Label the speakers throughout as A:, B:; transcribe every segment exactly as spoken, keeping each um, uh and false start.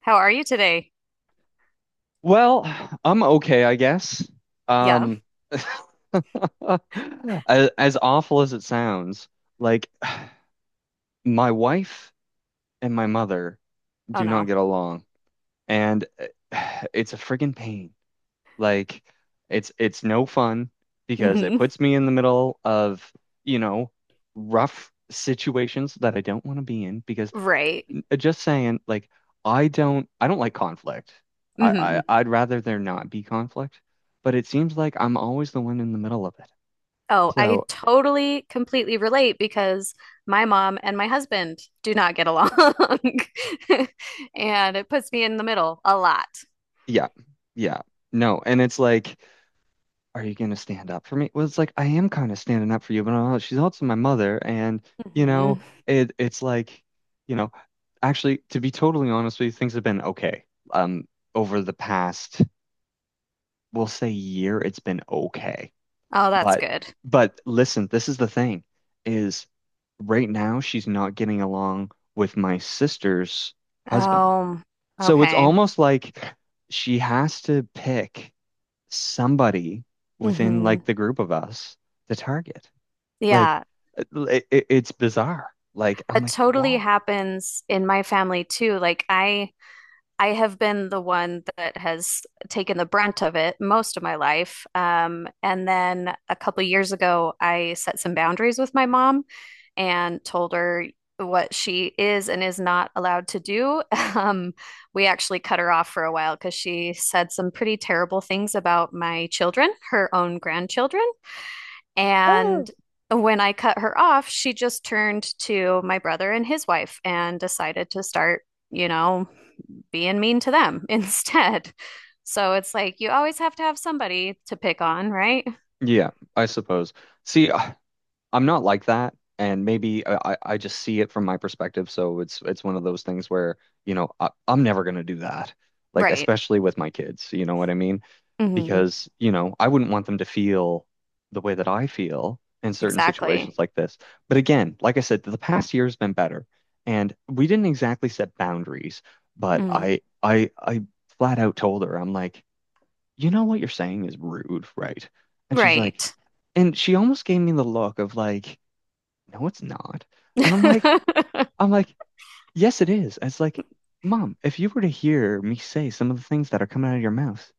A: How are you today?
B: Well, I'm okay, I guess.
A: Yeah.
B: Um, as, as awful as it sounds, like my wife and my mother
A: Oh
B: do not
A: no.
B: get along, and it's a friggin' pain. Like, it's it's no fun because it
A: Hmm.
B: puts me in the middle of, you know, rough situations that I don't want to be in because
A: Right.
B: uh, just saying, like, I don't I don't like conflict. I,
A: Hmm.
B: I I'd rather there not be conflict, but it seems like I'm always the one in the middle of it.
A: Oh, I
B: So
A: totally completely relate because my mom and my husband do not get along. And it puts me in the middle a lot.
B: yeah, yeah, no, and it's like, are you gonna stand up for me? Well, it's like I am kind of standing up for you, but uh, she's also my mother, and you know,
A: Hmm.
B: it it's like, you know, actually, to be totally honest with you, things have been okay. Um, over the past, we'll say year, it's been okay.
A: Oh, that's
B: But
A: good.
B: but listen, this is the thing is right now she's not getting along with my sister's husband.
A: Oh,
B: So it's
A: okay.
B: almost like she has to pick somebody within
A: Hmm.
B: like the group of us to target. Like
A: Yeah.
B: uh, it, it- it's bizarre. Like I'm
A: That
B: like,
A: totally
B: whoa.
A: happens in my family too. Like I I have been the one that has taken the brunt of it most of my life. Um, and then a couple of years ago, I set some boundaries with my mom and told her what she is and is not allowed to do. Um, we actually cut her off for a while because she said some pretty terrible things about my children, her own grandchildren.
B: Oh,
A: And when I cut her off, she just turned to my brother and his wife and decided to start, you know, being mean to them instead. So it's like you always have to have somebody to pick on, right?
B: yeah, I suppose. See, I'm not like that, and maybe I, I I just see it from my perspective. So it's it's one of those things where, you know, I, I'm never gonna do that. Like
A: Right.
B: especially with my kids, you know what I mean?
A: Hmm.
B: Because, you know, I wouldn't want them to feel the way that I feel in certain situations
A: Exactly.
B: like this. But again, like I said, the past year has been better, and we didn't exactly set boundaries, but
A: Mm.
B: I I I flat out told her, I'm like, you know what you're saying is rude, right? And she's
A: Right.
B: like, and she almost gave me the look of like, no, it's not. And I'm like,
A: I
B: I'm like, yes, it is. And it's like, Mom, if you were to hear me say some of the things that are coming out of your mouth,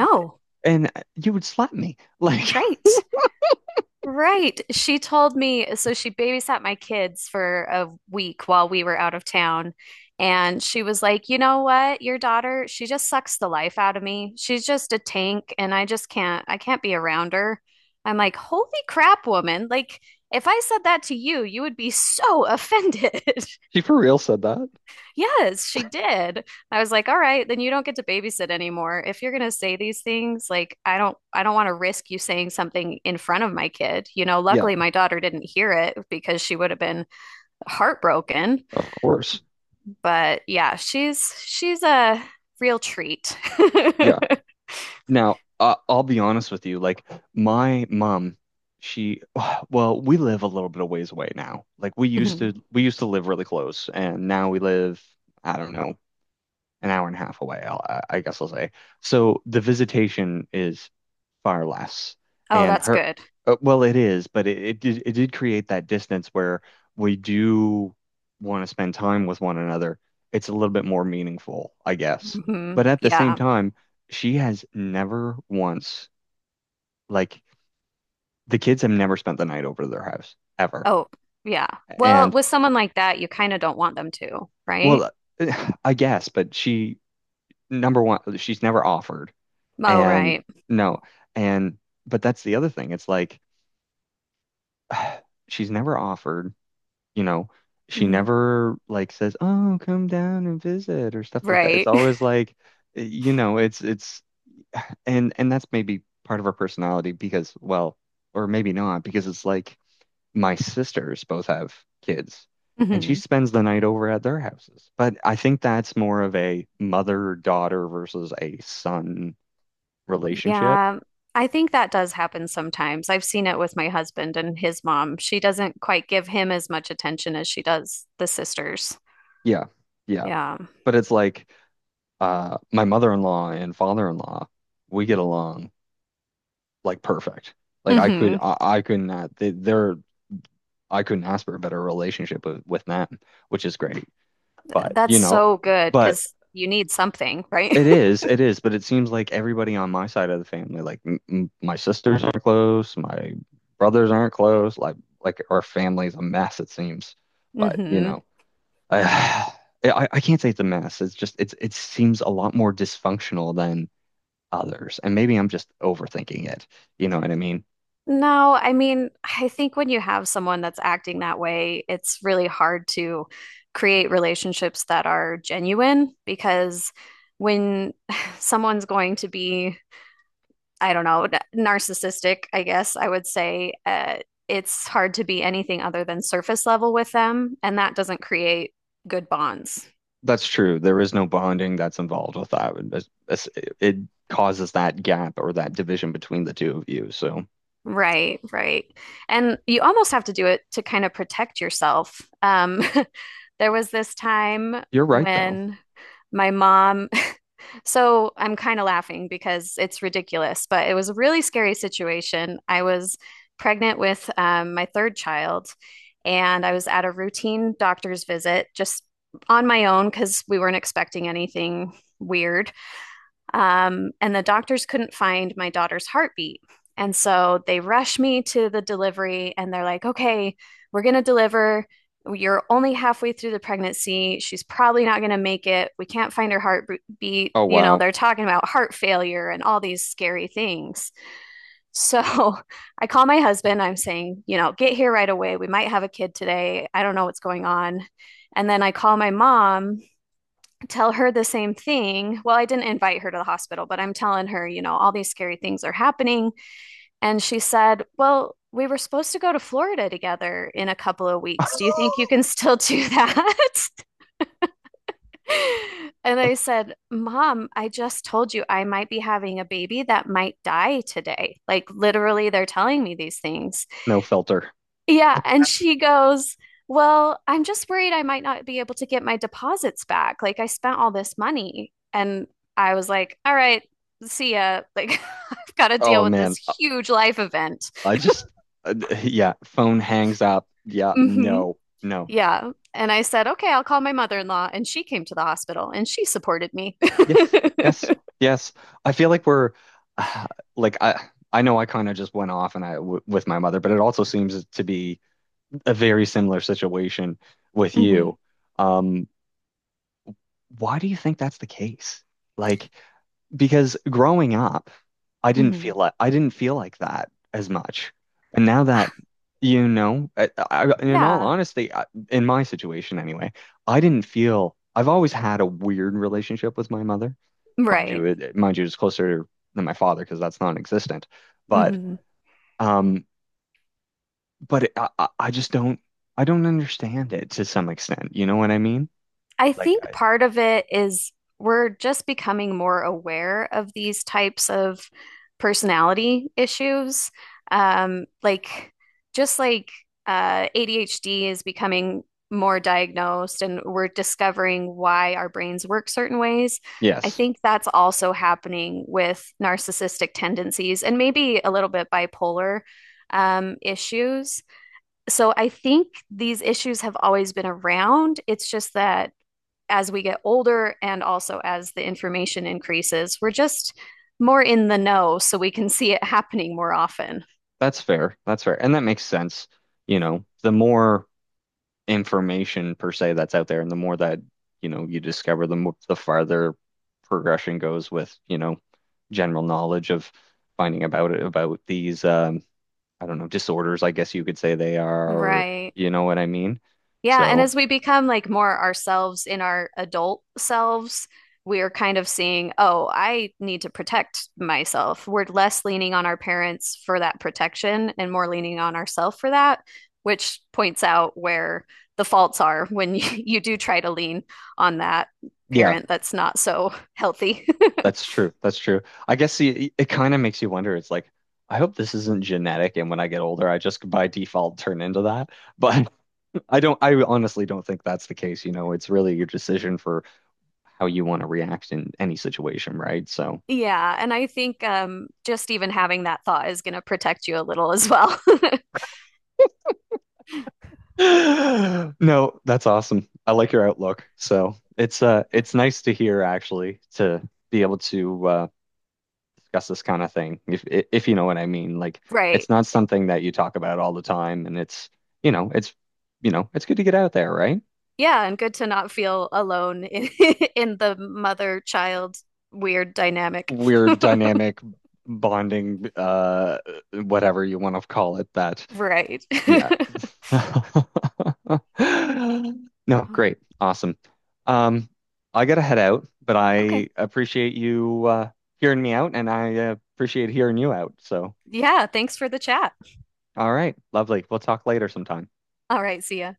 B: I th- and uh, you would slap me. Like,
A: Right. Right. She told me, so she babysat my kids for a week while we were out of town. And she was like, you know what? Your daughter, she just sucks the life out of me. She's just a tank, and I just can't, I can't be around her. I'm like, holy crap, woman. Like, if I said that to you, you would be so offended.
B: She for real said that?
A: Yes, she did. I was like, all right, then you don't get to babysit anymore. If you're gonna say these things, like I don't I don't want to risk you saying something in front of my kid. You know,
B: Yeah,
A: luckily my daughter didn't hear it because she would have been heartbroken.
B: of course.
A: But yeah, she's she's a real treat.
B: Yeah. Now, I I'll be honest with you. Like, my mom, she, well, we live a little bit of ways away now. Like, we used
A: Mhm.
B: to, we used to live really close, and now we live, I don't know, an hour and a half away, I'll, I guess I'll say. So the visitation is far less,
A: Oh,
B: and
A: that's
B: her,
A: good.
B: uh, well, it is, but it, it did it did create that distance where we do want to spend time with one another. It's a little bit more meaningful, I guess.
A: Hmm.
B: But at the same
A: Yeah.
B: time, she has never once like the kids have never spent the night over to their house ever,
A: Oh, yeah. Well,
B: and
A: with someone like that, you kind of don't want them to, right?
B: well, I guess, but she number one, she's never offered.
A: Oh,
B: And
A: right.
B: no, and but that's the other thing. It's like she's never offered, you know, she
A: Hmm.
B: never like says, "Oh, come down and visit" or stuff like that. It's
A: Right.
B: always like, eh, you know, it's it's and and that's maybe part of her personality because, well, or maybe not because it's like my sisters both have kids and she
A: Mhm.
B: spends the night over at their houses. But I think that's more of a mother-daughter versus a son relationship.
A: Yeah, I think that does happen sometimes. I've seen it with my husband and his mom. She doesn't quite give him as much attention as she does the sisters.
B: Yeah. Yeah.
A: Yeah.
B: But it's like uh my mother-in-law and father-in-law, we get along like perfect. Like I could
A: Hmm.
B: I, I could not they, they're I couldn't ask for a better relationship with with them, which is great. But
A: That's
B: you know,
A: so good
B: but
A: because you need something, right?
B: it is it is, but it seems like everybody on my side of the family, like m m my sisters aren't close, my brothers aren't close, like like our family's a mess it seems. But you
A: Hmm.
B: know, I I, I can't say it's a mess. It's just it's it seems a lot more dysfunctional than others. And maybe I'm just overthinking it. You know what I mean?
A: No, I mean, I think when you have someone that's acting that way, it's really hard to create relationships that are genuine because when someone's going to be I don't know, narcissistic, I guess I would say. Uh, it's hard to be anything other than surface level with them, and that doesn't create good bonds.
B: That's true. There is no bonding that's involved with that. It, it's- it causes that gap or that division between the two of you. So
A: Right, right. And you almost have to do it to kind of protect yourself. Um, there was this time
B: you're right, though.
A: when my mom so I'm kind of laughing because it's ridiculous, but it was a really scary situation. I was pregnant with um, my third child, and I was at a routine doctor's visit just on my own because we weren't expecting anything weird. Um, and the doctors couldn't find my daughter's heartbeat. And so they rush me to the delivery and they're like, okay, we're going to deliver. You're only halfway through the pregnancy. She's probably not going to make it. We can't find her heartbeat.
B: Oh,
A: You know,
B: wow.
A: they're talking about heart failure and all these scary things. So I call my husband. I'm saying, you know, get here right away. We might have a kid today. I don't know what's going on. And then I call my mom tell her the same thing. Well, I didn't invite her to the hospital, but I'm telling her, you know, all these scary things are happening. And she said, well, we were supposed to go to Florida together in a couple of weeks. Do you think you can still do that? And I said, Mom, I just told you I might be having a baby that might die today. Like, literally, they're telling me these things.
B: No filter.
A: Yeah, and she goes, "Well, I'm just worried I might not be able to get my deposits back. Like I spent all this money." And I was like, "All right, see ya. Like I've got to deal
B: Oh,
A: with this
B: man. I
A: huge life event."
B: I just, uh, yeah, phone hangs up. Yeah,
A: Hmm.
B: no, no.
A: Yeah. And I said, "Okay, I'll call my mother-in-law." And she came to the hospital and she supported me.
B: Yes, yes, yes. I feel like we're, uh, like, I, I know I kind of just went off and I w with my mother, but it also seems to be a very similar situation with
A: Hmm.
B: you. Um, why do you think that's the case? Like, because growing up, I didn't feel
A: Hmm.
B: like I didn't feel like that as much. And now that you know, I, I, in all
A: Yeah,
B: honesty, I, in my situation anyway, I didn't feel I've always had a weird relationship with my mother. Mind you,
A: right.
B: it, mind you, it's closer than my father because that's non-existent. But
A: Hmm.
B: um, but I, I I just don't I don't understand it to some extent. You know what I mean?
A: I
B: Like
A: think
B: I,
A: part of it is we're just becoming more aware of these types of personality issues. Um, like, just like uh, A D H D is becoming more diagnosed and we're discovering why our brains work certain ways. I
B: Yes,
A: think that's also happening with narcissistic tendencies and maybe a little bit bipolar um, issues. So I think these issues have always been around. It's just that as we get older and also as the information increases, we're just more in the know so we can see it happening more often.
B: that's fair. That's fair. And that makes sense. You know, the more information per se that's out there and the more that, you know, you discover, the more the farther progression goes with, you know, general knowledge of finding about it, about these um, I don't know, disorders, I guess you could say they are, or
A: Right.
B: you know what I mean?
A: Yeah. And
B: So,
A: as we become like more ourselves in our adult selves, we are kind of seeing, oh, I need to protect myself. We're less leaning on our parents for that protection and more leaning on ourselves for that, which points out where the faults are when you, you do try to lean on that
B: yeah,
A: parent that's not so healthy.
B: that's true. That's true. I guess it, it kind of makes you wonder. It's like, I hope this isn't genetic and when I get older, I just by default turn into that. But I don't, I honestly don't think that's the case. You know, it's really your decision for how you want to react in any situation, right? So,
A: Yeah, and I think um just even having that thought is going to protect you a little as well.
B: no, that's awesome. I like your outlook. So it's uh, it's nice to hear actually to be able to uh, discuss this kind of thing, if if you know what I mean. Like,
A: Right.
B: it's not something that you talk about all the time, and it's you know, it's you know, it's good to get out there, right?
A: Yeah, and good to not feel alone in, in the mother-child weird dynamic.
B: Weird dynamic bonding, uh, whatever you want to call it, that
A: Right.
B: Yeah. No, great. Awesome. Um, I gotta head out, but
A: Okay.
B: I appreciate you uh hearing me out and I uh, appreciate hearing you out. So,
A: Yeah, thanks for the chat.
B: all right, lovely. We'll talk later sometime.
A: All right, see ya.